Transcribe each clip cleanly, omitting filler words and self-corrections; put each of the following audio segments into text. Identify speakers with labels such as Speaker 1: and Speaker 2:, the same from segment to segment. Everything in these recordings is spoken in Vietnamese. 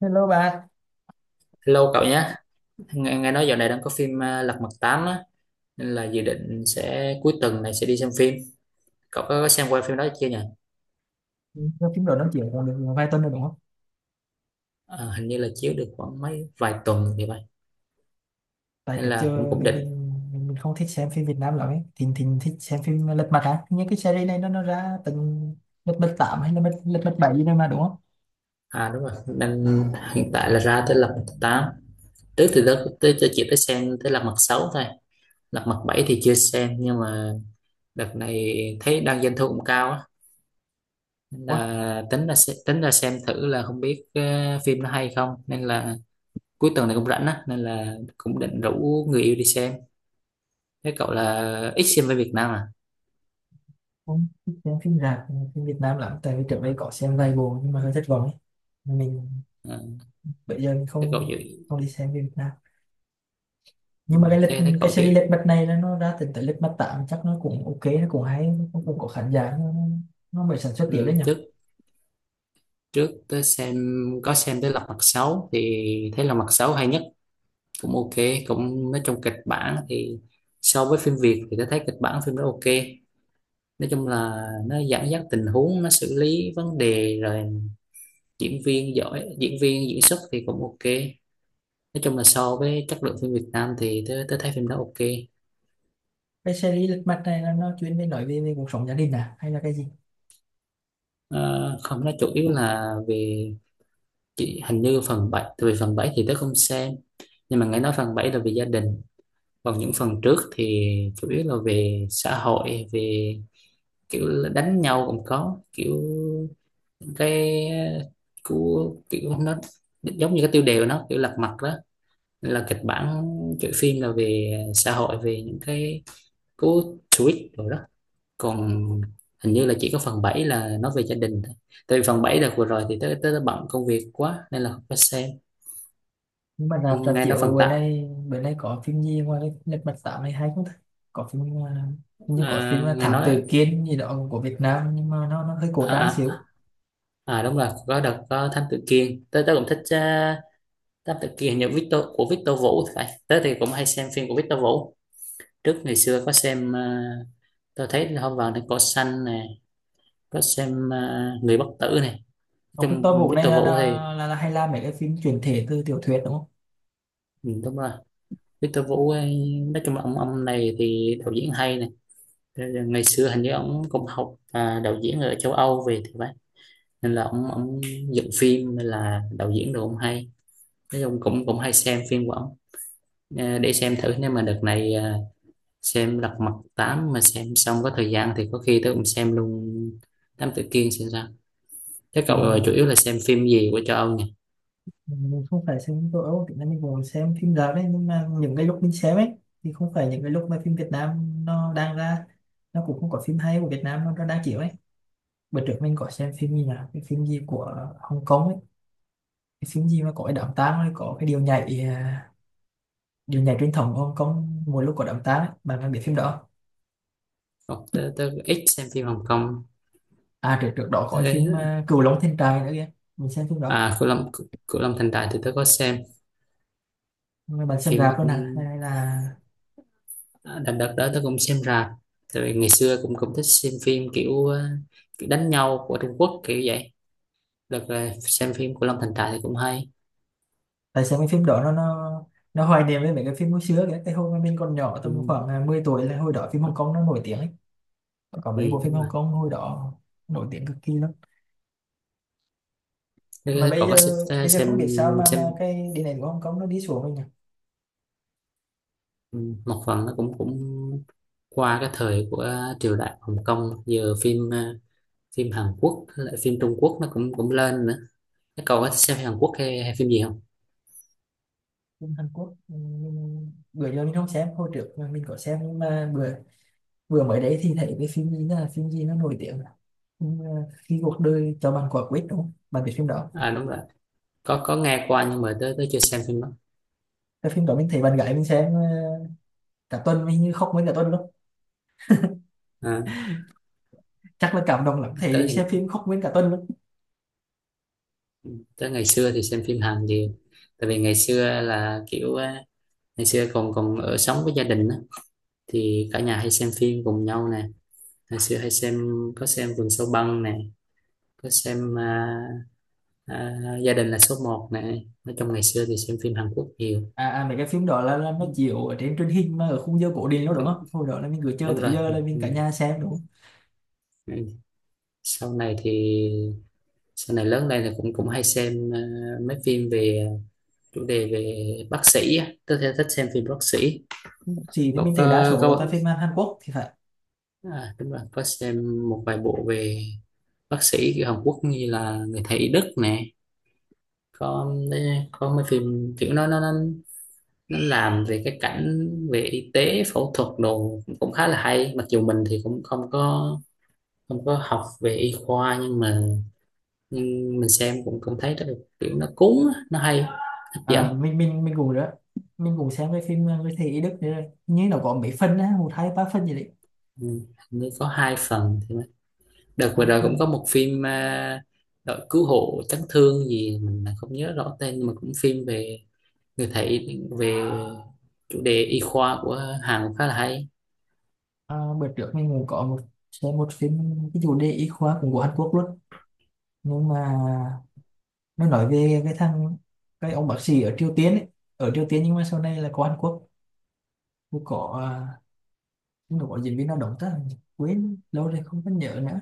Speaker 1: Hello bạn.
Speaker 2: Hello cậu nhé. Nghe nói dạo này đang có phim à, Lật Mặt tám á, nên là dự định sẽ cuối tuần này sẽ đi xem phim. Cậu có xem qua phim đó chưa nhỉ?
Speaker 1: Lâu phim rồi nói chuyện còn được vài tuần rồi đúng không?
Speaker 2: À, hình như là chiếu được khoảng mấy vài tuần thì vậy,
Speaker 1: Tại
Speaker 2: nên
Speaker 1: trước
Speaker 2: là cũng
Speaker 1: giờ
Speaker 2: cũng
Speaker 1: mình
Speaker 2: định.
Speaker 1: mình mình mình không thích xem phim Việt Nam lắm ấy. Thỉnh thỉnh thích xem phim Lật Mặt à? Những cái series này nó ra từng Lật Mặt 8 hay là Lật Lật Mặt 7 gì đâu mà đúng không?
Speaker 2: À đúng rồi, nên hiện tại là ra tới Lật Mặt tám. Trước thì đó tới cho chị tới xem tới Lật Mặt sáu thôi. Lật Mặt bảy thì chưa xem, nhưng mà đợt này thấy đang doanh thu cũng cao á. Nên
Speaker 1: Ủa,
Speaker 2: là tính là tính là xem thử là không biết phim nó hay không, nên là cuối tuần này cũng rảnh á, nên là cũng định rủ người yêu đi xem. Thế cậu là ít xem với Việt Nam à?
Speaker 1: không thích xem phim rạp, phim Việt Nam lắm. Tại vì trước đây có xem vài bộ nhưng mà hơi thất vọng ấy. Mình
Speaker 2: Ờ,
Speaker 1: bây giờ mình
Speaker 2: thế cậu
Speaker 1: không
Speaker 2: chịu.
Speaker 1: không đi xem phim Việt Nam.
Speaker 2: Ừ,
Speaker 1: Nhưng mà cái lịch
Speaker 2: thế thế
Speaker 1: cái
Speaker 2: cậu chịu.
Speaker 1: series Lật Mặt này nó ra từng tới Lật Mặt 8 chắc nó cũng ok, nó cũng hay, nó cũng có khán giả, nó mới sản xuất tiếp đấy
Speaker 2: Ừ,
Speaker 1: nhỉ?
Speaker 2: trước trước tới xem, có xem tới Lật Mặt Sáu thì thấy Lật Mặt Sáu hay nhất, cũng ok. Cũng nói chung kịch bản thì so với phim Việt thì tôi thấy kịch bản phim đó ok. Nói chung là nó dẫn dắt tình huống, nó xử lý vấn đề rồi diễn viên giỏi, diễn viên diễn xuất thì cũng ok. Nói chung là so với chất lượng phim Việt Nam thì tôi thấy phim đó ok.
Speaker 1: Cái series lật mặt này là nó chuyên về nói về, về cuộc sống gia đình à hay là cái gì?
Speaker 2: Ờ, không, nó chủ yếu là về, chị hình như phần bảy, tại vì phần 7 thì tớ không xem, nhưng mà nghe nói phần 7 là về gia đình. Còn những phần trước thì chủ yếu là về xã hội, về kiểu là đánh nhau cũng có, kiểu cái của kiểu nó giống như cái tiêu đề của nó kiểu lật mặt đó. Nên là kịch bản kiểu phim là về xã hội, về những cái cú tweet rồi đó. Còn hình như là chỉ có phần 7 là nói về gia đình thôi, tại vì phần 7 đợt vừa rồi thì tới tới bận công việc quá nên là không có xem.
Speaker 1: Nhưng mà rạp rạp
Speaker 2: Nghe nói
Speaker 1: chiếu
Speaker 2: phần
Speaker 1: bữa
Speaker 2: tặng,
Speaker 1: nay bữa nay có phim gì ngoài cái lật mặt tám này hay không ta? Có phim à, hình như có phim là
Speaker 2: nghe
Speaker 1: Thám Tử
Speaker 2: nói,
Speaker 1: Kiên gì đó của Việt Nam nhưng mà nó hơi cổ
Speaker 2: à,
Speaker 1: trang
Speaker 2: à,
Speaker 1: xíu.
Speaker 2: à đúng rồi, có đợt có Thám Tử Kiên, tới tới cũng thích. Thám Tử Kiên hình như Victor của Victor Vũ thì phải, tới thì cũng hay xem phim của Victor Vũ. Trước ngày xưa có xem, à, tôi thấy là hôm vào đến cỏ xanh nè, có xem à, người bất tử này.
Speaker 1: Ông
Speaker 2: Trong
Speaker 1: Victor Vũ này
Speaker 2: Victor
Speaker 1: là là,
Speaker 2: Vũ thì,
Speaker 1: là, là hay làm mấy cái phim chuyển thể từ tiểu thuyết đúng không?
Speaker 2: ừ, đúng rồi. Victor Vũ ấy, nói chung là ông này thì đạo diễn hay nè. Thế là ngày xưa hình như ông cũng học à, đạo diễn ở châu Âu về thì phải, nên là ông dựng phim, nên là đạo diễn đồ ông hay. Nói chung cũng cũng hay xem phim của ông. Ờ, để xem thử, nếu mà đợt này à, xem Lật Mặt tám mà xem xong có thời gian thì có khi tôi cũng xem luôn Thám Tử Kiên xem sao. Thế
Speaker 1: Thì
Speaker 2: cậu chủ yếu là xem phim gì của châu Âu nhỉ?
Speaker 1: mình không phải xem phim châu Âu thì mình cũng xem phim rạp đấy nhưng mà những cái lúc mình xem ấy thì không phải những cái lúc mà phim Việt Nam nó đang ra, nó cũng không có phim hay của Việt Nam nó đang chiếu ấy. Bữa trước mình có xem phim gì nhỉ, cái phim gì của Hồng Kông ấy, cái phim gì mà có cái đám tang ấy, có cái điều nhảy điều nhảy truyền thống của Hồng Kông mỗi lúc có đám tang ấy, bạn bạn biết phim đó không?
Speaker 2: Ồ, tớ ít xem phim Hồng Kông.
Speaker 1: À trước trước đó có cái phim
Speaker 2: Thế
Speaker 1: Cửu Long Thiên Trại nữa kìa. Mình xem phim đó
Speaker 2: à, Cửu Long, Cửu Long Thành Đại thì tớ có xem,
Speaker 1: mà bạn xem
Speaker 2: phim nó
Speaker 1: rạp luôn
Speaker 2: cũng,
Speaker 1: hả hay là
Speaker 2: đó, đợt đợt đó tôi cũng xem rạp. Tại vì ngày xưa cũng cũng thích xem phim kiểu, kiểu đánh nhau của Trung Quốc kiểu vậy. Đợt là xem phim của Long Thành Trại thì cũng hay.
Speaker 1: tại sao cái phim đó nó hoài niệm với mấy cái phim hồi xưa kìa, cái hồi mà mình còn nhỏ
Speaker 2: Ừ,
Speaker 1: tầm khoảng 10 tuổi, là hồi đó phim Hồng Kông nó nổi tiếng ấy, có
Speaker 2: ừ,
Speaker 1: mấy bộ phim
Speaker 2: đúng rồi.
Speaker 1: Hồng Kông hồi đó nổi tiếng cực kỳ lắm. Mà
Speaker 2: Thế
Speaker 1: bây
Speaker 2: cậu có
Speaker 1: giờ
Speaker 2: xem,
Speaker 1: bây giờ không biết sao
Speaker 2: xem,
Speaker 1: mà cái điện ảnh của Hồng Kông nó đi xuống rồi nhỉ?
Speaker 2: ừ, một phần nó cũng cũng qua cái thời của triều đại Hồng Kông. Giờ phim phim Hàn Quốc với lại phim Trung Quốc nó cũng cũng lên nữa. Thế cậu có xem Hàn Quốc hay, hay phim gì không?
Speaker 1: Phim Hàn Quốc bữa giờ mình không xem, hồi trước mà mình có xem nhưng mà bữa bữa mới đấy thì thấy cái phim gì, là phim gì nó nổi tiếng là phim, khi cuộc đời cho bạn quả quýt đúng không, bạn biết phim đó?
Speaker 2: À đúng rồi, có nghe qua, nhưng mà tới tới chưa xem phim đó.
Speaker 1: Cái phim đó mình thấy bạn gái mình xem cả tuần mình như khóc nguyên cả tuần luôn,
Speaker 2: À,
Speaker 1: chắc là cảm động lắm
Speaker 2: tới
Speaker 1: thấy xem
Speaker 2: thì,
Speaker 1: phim khóc nguyên cả tuần luôn.
Speaker 2: tới ngày xưa thì xem phim Hàn nhiều. Tại vì ngày xưa là kiểu á, ngày xưa còn còn ở sống với gia đình á, thì cả nhà hay xem phim cùng nhau nè. Ngày xưa hay xem, có xem Vườn Sâu Băng nè, có xem à, à, Gia đình là số một nè. Nói chung ngày xưa thì xem phim Hàn Quốc nhiều.
Speaker 1: À, à mấy cái phim đó là nó chiếu ở trên truyền hình mà ở khung giờ cổ điển luôn đúng
Speaker 2: Đúng,
Speaker 1: không, hồi đó là mình cứ chờ
Speaker 2: đúng
Speaker 1: tới
Speaker 2: rồi.
Speaker 1: giờ là mình
Speaker 2: Ừ.
Speaker 1: cả nhà xem đúng không?
Speaker 2: Ừ. Sau này thì sau này lớn lên thì cũng cũng hay xem à, mấy phim về à, chủ đề về bác sĩ á. Tôi theo thích xem phim bác sĩ.
Speaker 1: Gì thì
Speaker 2: Cậu
Speaker 1: mình thấy đa
Speaker 2: có,
Speaker 1: số là toàn
Speaker 2: có
Speaker 1: phim Hàn Quốc thì phải.
Speaker 2: à, đúng rồi, có xem một vài bộ về bác sĩ kiểu Hàn Quốc như là người thầy Đức nè. có có mấy phim kiểu nó nó làm về cái cảnh về y tế phẫu thuật đồ cũng khá là hay, mặc dù mình thì cũng không có, không có học về y khoa, nhưng mà, nhưng mình xem cũng cũng thấy rất là kiểu nó cuốn á, nó hay, hấp dẫn.
Speaker 1: À, mình cũng đó, mình cũng xem cái phim người thầy y Đức nữa, như nó có mấy phần á, một hai ba phần gì đấy.
Speaker 2: Ừ, hình như có hai phần thì phải. Đợt vừa
Speaker 1: Hai
Speaker 2: rồi cũng có
Speaker 1: phần
Speaker 2: một phim à, đội cứu hộ chấn thương gì mình không nhớ rõ tên, nhưng mà cũng phim về người thấy, về chủ đề y khoa của Hàn khá là hay.
Speaker 1: à, bữa trước mình cũng có một xem một phim, cái chủ đề y khoa cũng của Hàn Quốc luôn. Nhưng mà nó nói về cái thằng, cái ông bác sĩ ở Triều Tiên ấy, ở Triều Tiên nhưng mà sau này là có Hàn Quốc, cũng có à, nó có diễn viên nào đóng ta, quên lâu rồi không có nhớ nữa.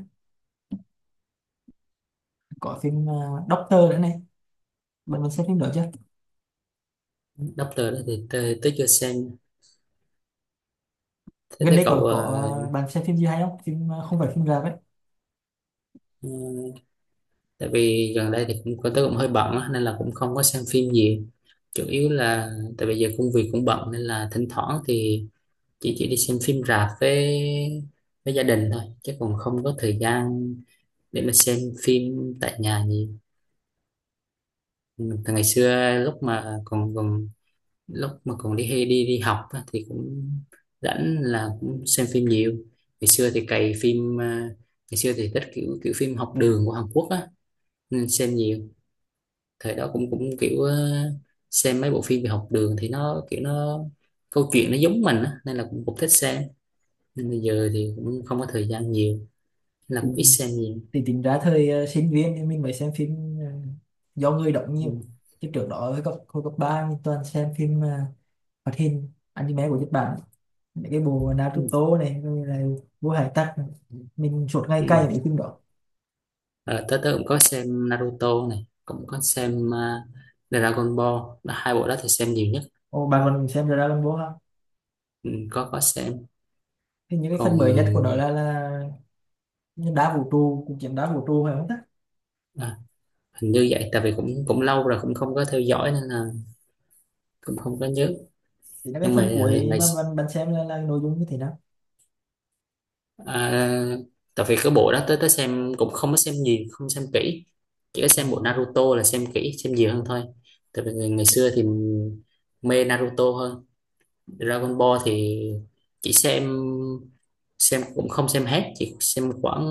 Speaker 1: Có phim Doctor nữa này, bạn mình xem phim đó chưa?
Speaker 2: Doctor đó thì tôi chưa xem. Thế
Speaker 1: Gần
Speaker 2: thấy
Speaker 1: đây
Speaker 2: cậu
Speaker 1: có à, bạn xem phim gì hay không, phim à, không phải phim rạp
Speaker 2: ừ, tại vì gần đây thì cũng tôi cũng hơi bận á, nên là cũng không có xem phim gì. Chủ yếu là, tại bây giờ công việc cũng bận nên là thỉnh thoảng thì chỉ đi xem phim rạp với gia đình thôi, chứ còn không có thời gian để mà xem phim tại nhà gì. Từ ngày xưa lúc mà còn còn lúc mà còn đi hay đi đi học á, thì cũng rảnh là cũng xem phim nhiều. Ngày xưa thì cày phim à, ngày xưa thì thích kiểu kiểu phim học đường của Hàn Quốc á nên xem nhiều. Thời đó cũng cũng kiểu xem mấy bộ phim về học đường thì nó kiểu nó câu chuyện nó giống mình á nên là cũng cũng thích xem. Nên bây giờ thì cũng không có thời gian nhiều, nên là
Speaker 1: ấy.
Speaker 2: cũng ít xem nhiều.
Speaker 1: Thì tính ra thời sinh viên thì mình mới xem phim do người đóng
Speaker 2: Ừ.
Speaker 1: nhiều. Chứ trước đó hồi cấp ba mình toàn xem phim hoạt hình anime của Nhật Bản, mấy cái bộ
Speaker 2: Ừ.
Speaker 1: Naruto này rồi là Vua Hải Tặc này. Mình suốt ngày
Speaker 2: Ừ.
Speaker 1: cày những phim đó.
Speaker 2: Ờ, tớ tớ cũng có xem Naruto này, cũng có xem à, Dragon Ball, là hai bộ đó thì xem nhiều nhất.
Speaker 1: Ồ, bạn còn xem Dragon Ball không?
Speaker 2: Ừ, có xem.
Speaker 1: Thì những cái phần
Speaker 2: Còn
Speaker 1: mới nhất của nó là đá vũ trụ, cuộc chiến đá vũ trụ phải không ta?
Speaker 2: à, hình như vậy, tại vì cũng cũng lâu rồi cũng không có theo dõi nên là cũng không có nhớ.
Speaker 1: Thì là cái
Speaker 2: Nhưng mà
Speaker 1: phần cuối
Speaker 2: ngày,
Speaker 1: mà bạn bạn xem là nội dung như thế nào?
Speaker 2: à, tại vì cái bộ đó tới tới xem cũng không có xem nhiều, không xem kỹ. Chỉ có
Speaker 1: Ờ,
Speaker 2: xem bộ Naruto là xem kỹ, xem nhiều hơn thôi. Tại vì ngày xưa thì mê Naruto hơn. Dragon Ball thì chỉ xem cũng không xem hết, chỉ xem khoảng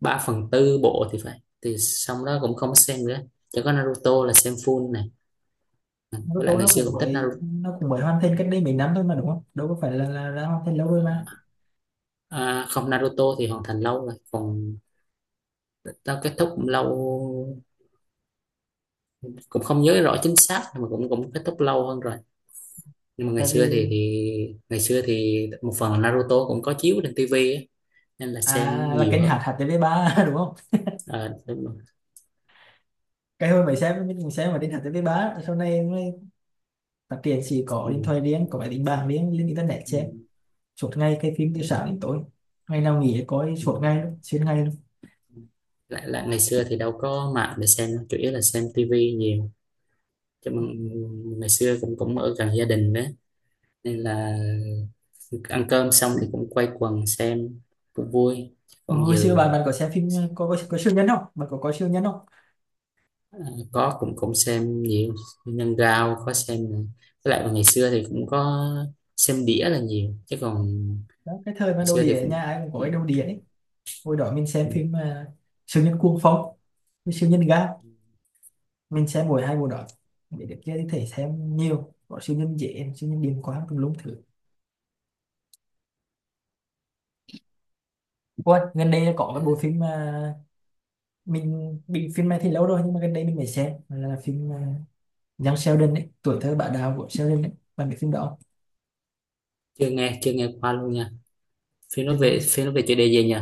Speaker 2: 3 phần tư bộ thì phải, thì xong đó cũng không xem nữa. Chỉ có Naruto là xem full nè. Với lại
Speaker 1: Naruto
Speaker 2: ngày
Speaker 1: nó
Speaker 2: xưa
Speaker 1: cũng
Speaker 2: cũng thích
Speaker 1: mới,
Speaker 2: Naruto.
Speaker 1: nó cũng mới hoàn thành cách đây mấy năm thôi mà đúng không, đâu có phải là hoàn thành lâu rồi mà.
Speaker 2: À, không, Naruto thì hoàn thành lâu rồi, còn tao kết thúc cũng lâu, cũng không nhớ rõ chính xác, nhưng mà cũng cũng kết thúc lâu hơn rồi. Nhưng mà ngày
Speaker 1: Tại
Speaker 2: xưa thì
Speaker 1: vì
Speaker 2: thì ngày xưa thì một phần là Naruto cũng có chiếu trên tivi á, nên là xem
Speaker 1: à là
Speaker 2: nhiều
Speaker 1: kênh hạt
Speaker 2: hơn.
Speaker 1: hạt TV3 đúng không?
Speaker 2: À, đúng rồi.
Speaker 1: Cái hồi mấy xem mình xem mà kênh hạt TV3 sau này mới phát triển, chỉ có
Speaker 2: Ừ,
Speaker 1: điện thoại riêng có máy tính bảng riêng lên internet
Speaker 2: ừ,
Speaker 1: xem suốt ngày cái phim
Speaker 2: ừ.
Speaker 1: từ sáng đến tối, ngày nào nghỉ coi
Speaker 2: Ừ.
Speaker 1: suốt ngày luôn, xuyên ngày luôn.
Speaker 2: Ừ. lại lại ngày xưa thì đâu có mạng để xem đâu, chủ yếu là xem tivi nhiều. Chứ mà ngày xưa cũng cũng ở gần gia đình đó nên là ăn cơm xong thì cũng quay quần xem, cũng vui. Còn
Speaker 1: Hồi xưa
Speaker 2: giờ,
Speaker 1: bạn bạn có xem phim có có siêu nhân không, bạn có coi siêu nhân không?
Speaker 2: à, có cũng cũng xem nhiều. Nhân Gao có xem nè. Với lại ngày xưa thì cũng có xem đĩa là nhiều chứ còn
Speaker 1: Đó cái thời mà
Speaker 2: ngày
Speaker 1: đầu
Speaker 2: xưa thì
Speaker 1: đĩa
Speaker 2: cũng,
Speaker 1: nhà ai cũng có cái đầu đĩa ấy. Hồi đó mình xem
Speaker 2: ừ,
Speaker 1: phim siêu nhân cuồng phong với siêu nhân ga, mình xem mỗi hai bộ đó. Để được kia thì thể xem nhiều có siêu nhân dễ siêu nhân điềm quá tùm lum thứ. Ôi, gần đây có cái bộ phim mà mình bị phim này thì lâu rồi nhưng mà gần đây mình mới xem là phim Young Sheldon ấy, tuổi thơ bạn đạo của Sheldon ấy, bạn biết phim đó không?
Speaker 2: chưa nghe, chưa nghe qua luôn nha. Phim nó về,
Speaker 1: Chừng-
Speaker 2: phim nó về chủ đề gì nhỉ?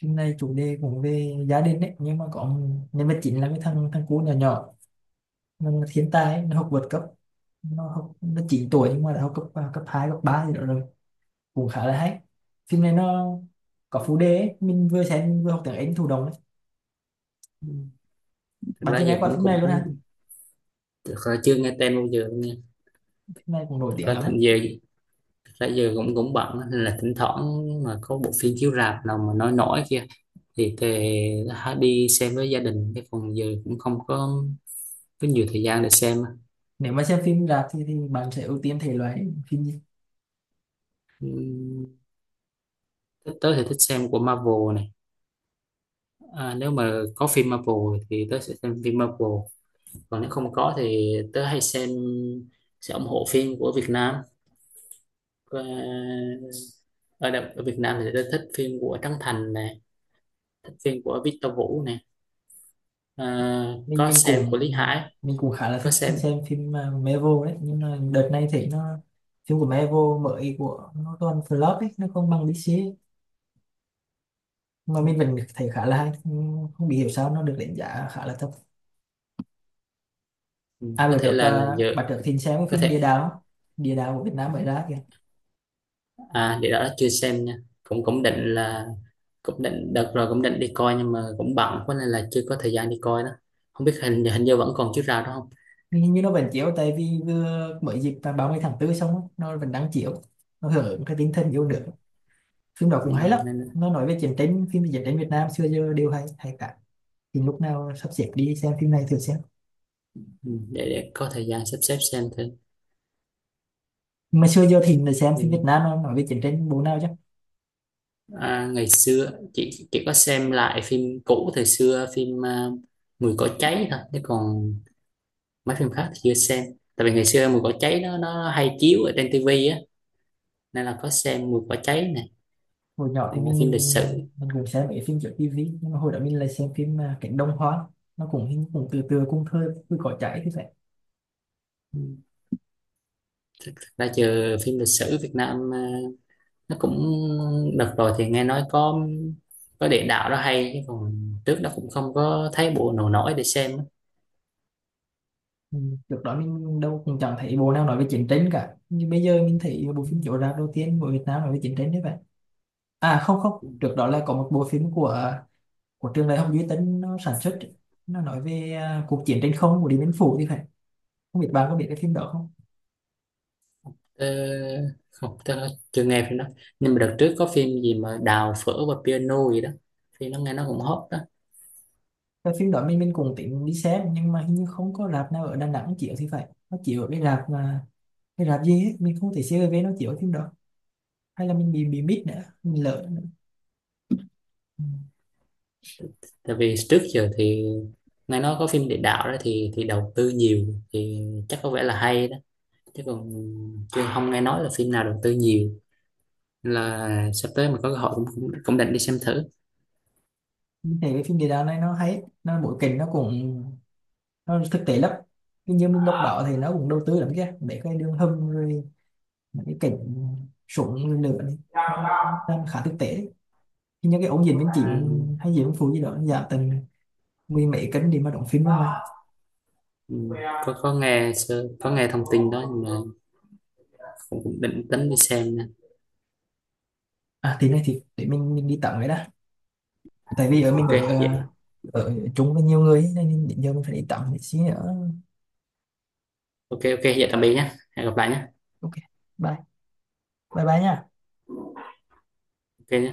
Speaker 1: phim này chủ đề cũng về gia đình ấy, nhưng mà có nhân vật chính là cái thằng, thằng cu nhỏ nhỏ, nó là thiên tài ấy, nó học vượt cấp, nó học nó 9 tuổi nhưng mà đã học cấp à, cấp 2 cấp 3 gì đó rồi, cũng khá là hay. Phim này nó có phụ đề ấy, mình vừa xem mình vừa học tiếng Anh thụ động ấy.
Speaker 2: Thật
Speaker 1: Bạn
Speaker 2: ra
Speaker 1: chưa nghe
Speaker 2: giờ
Speaker 1: qua
Speaker 2: cũng
Speaker 1: phim này
Speaker 2: cũng
Speaker 1: luôn ha?
Speaker 2: cũng thực ra chưa nghe tên bao giờ luôn nha.
Speaker 1: Phim này cũng nổi
Speaker 2: Thực
Speaker 1: tiếng
Speaker 2: ra
Speaker 1: lắm ấy.
Speaker 2: thành giờ, thực ra giờ cũng cũng bận á, nên là thỉnh thoảng mà có bộ phim chiếu rạp nào mà nói nổi kia thì tề, đã đi xem với gia đình, cái phần giờ cũng không có, có nhiều thời gian để xem.
Speaker 1: Nếu mà xem phim rạp thì bạn sẽ ưu tiên thể loại phim gì?
Speaker 2: Ừm, thích, tớ thì thích xem của Marvel này, à, nếu mà có phim Marvel thì tớ sẽ xem phim Marvel. Còn nếu không có thì tớ hay xem, sẽ ủng hộ phim của Việt Nam. Ờ, ở, ở Việt Nam thì tớ thích phim của Trấn Thành này, thích phim của Victor Vũ này. Ờ,
Speaker 1: mình
Speaker 2: có
Speaker 1: mình
Speaker 2: xem
Speaker 1: cũng,
Speaker 2: của Lý Hải,
Speaker 1: mình cũng khá là
Speaker 2: có
Speaker 1: thích
Speaker 2: xem.
Speaker 1: xem phim mà Marvel đấy, nhưng mà đợt này thấy nó phim của Marvel mới của nó toàn flop ấy, nó không bằng DC ấy. Mà mình vẫn thấy khá là hay, không không bị hiểu sao nó được đánh giá khá là thấp.
Speaker 2: Ừm,
Speaker 1: À
Speaker 2: có
Speaker 1: bữa
Speaker 2: thể
Speaker 1: được
Speaker 2: là
Speaker 1: à,
Speaker 2: giờ
Speaker 1: bạn trước thính xem cái
Speaker 2: có
Speaker 1: phim Địa
Speaker 2: thể,
Speaker 1: Đạo, Địa Đạo của Việt Nam mới ra kìa.
Speaker 2: à, để đó chưa xem nha. Cũng cũng định là, cũng định đợt rồi cũng định đi coi, nhưng mà cũng bận quá nên là chưa có thời gian đi coi đó. Không biết hình hình như vẫn còn chiếu rạp đó không.
Speaker 1: Nhưng hình như nó vẫn chiếu tại vì vừa mới dịp vào 30 tháng 4 xong á, nó vẫn đang chiếu, nó hưởng ứng cái tinh thần yêu
Speaker 2: Ừ.
Speaker 1: nước. Phim đó
Speaker 2: Ừ,
Speaker 1: cũng hay lắm,
Speaker 2: nên
Speaker 1: nó nói về chiến tranh, phim về chiến tranh Việt Nam xưa giờ đều hay hay cả, thì lúc nào sắp xếp đi xem phim này thử xem.
Speaker 2: ừ, để có thời gian sắp xếp xem thử.
Speaker 1: Mà xưa giờ thì mình xem phim Việt
Speaker 2: Ừ.
Speaker 1: Nam nó nói về chiến tranh bộ nào chứ.
Speaker 2: À, ngày xưa chị có xem lại phim cũ thời xưa, phim à, Mùi cỏ cháy thôi, chứ còn mấy phim khác thì chưa xem. Tại vì ngày xưa Mùi cỏ cháy nó hay chiếu ở trên tivi á, nên là có xem Mùi cỏ cháy này.
Speaker 1: Hồi nhỏ thì
Speaker 2: Còn là
Speaker 1: mình
Speaker 2: phim lịch
Speaker 1: mình
Speaker 2: sử,
Speaker 1: mình cũng xem mấy phim trên tivi, nhưng mà hồi đó mình lại xem phim Cánh Đồng Hoang, nó cũng hình cũng từ từ cũng thơ cứ có chảy thì phải.
Speaker 2: thực ra giờ phim lịch sử Việt Nam nó cũng, đợt rồi thì nghe nói có địa đạo đó hay, chứ còn trước đó cũng không có thấy bộ nào nổi để xem á.
Speaker 1: Ừ. Trước đó mình đâu cũng chẳng thấy bộ nào nói về chiến tranh cả, nhưng bây giờ mình thấy bộ phim chiếu rạp đầu tiên của Việt Nam nói về chiến tranh đấy vậy. À không không, trước đó là có một bộ phim của trường đại học duy tân nó sản xuất, nó nói về à, cuộc chiến trên không của Điện Biên Phủ thì phải, không biết bạn có biết cái phim đó không?
Speaker 2: Tớ, không, tớ chưa nghe phim đó, nhưng mà đợt trước có phim gì mà Đào phở và piano gì đó, thì nó nghe nó cũng hot đó.
Speaker 1: Cái phim đó mình cũng tính đi xem nhưng mà hình như không có rạp nào ở Đà Nẵng chiếu thì phải, nó chiếu ở cái rạp mà cái rạp gì ấy. Mình không thể CRV nó chiếu cái phim đó, hay là mình bị mít nữa, mình lỡ nữa.
Speaker 2: Tại vì trước giờ thì nghe nói có phim địa đạo đó thì đầu tư nhiều, thì chắc có vẻ là hay đó. Chứ còn chưa, không nghe nói là phim nào đầu tư nhiều. Là sắp tới mà có cơ hội cũng cũng, cũng định đi xem thử.
Speaker 1: Mình thấy cái phim địa đạo này nó hay ấy, nó bối cảnh nó cũng nó thực tế lắm, nhưng như mình đọc báo thì nó cũng đầu tư lắm kia, để cái đường hầm rồi mấy cái cảnh súng lửa này nó cũng đang khá thực tế. Thì những cái ổn định bên chị
Speaker 2: Ừ,
Speaker 1: hay gì cũng phụ gì đó dạ tầm mười mấy cân đi mà đóng phim luôn mà.
Speaker 2: ừ, có nghe có nghe thông tin đó, nhưng mà cũng định tính đi xem nè.
Speaker 1: À thì này thì để mình đi tắm vậy đó, tại vì ở mình
Speaker 2: Ok
Speaker 1: ở
Speaker 2: vậy.
Speaker 1: ở chung với nhiều người ấy, nên đến giờ mình phải đi tắm một xí nữa.
Speaker 2: Ok, ok, vậy tạm biệt nhé, hẹn gặp lại nhé.
Speaker 1: Ok. Bye. Bye bye nha.
Speaker 2: Ok nhé.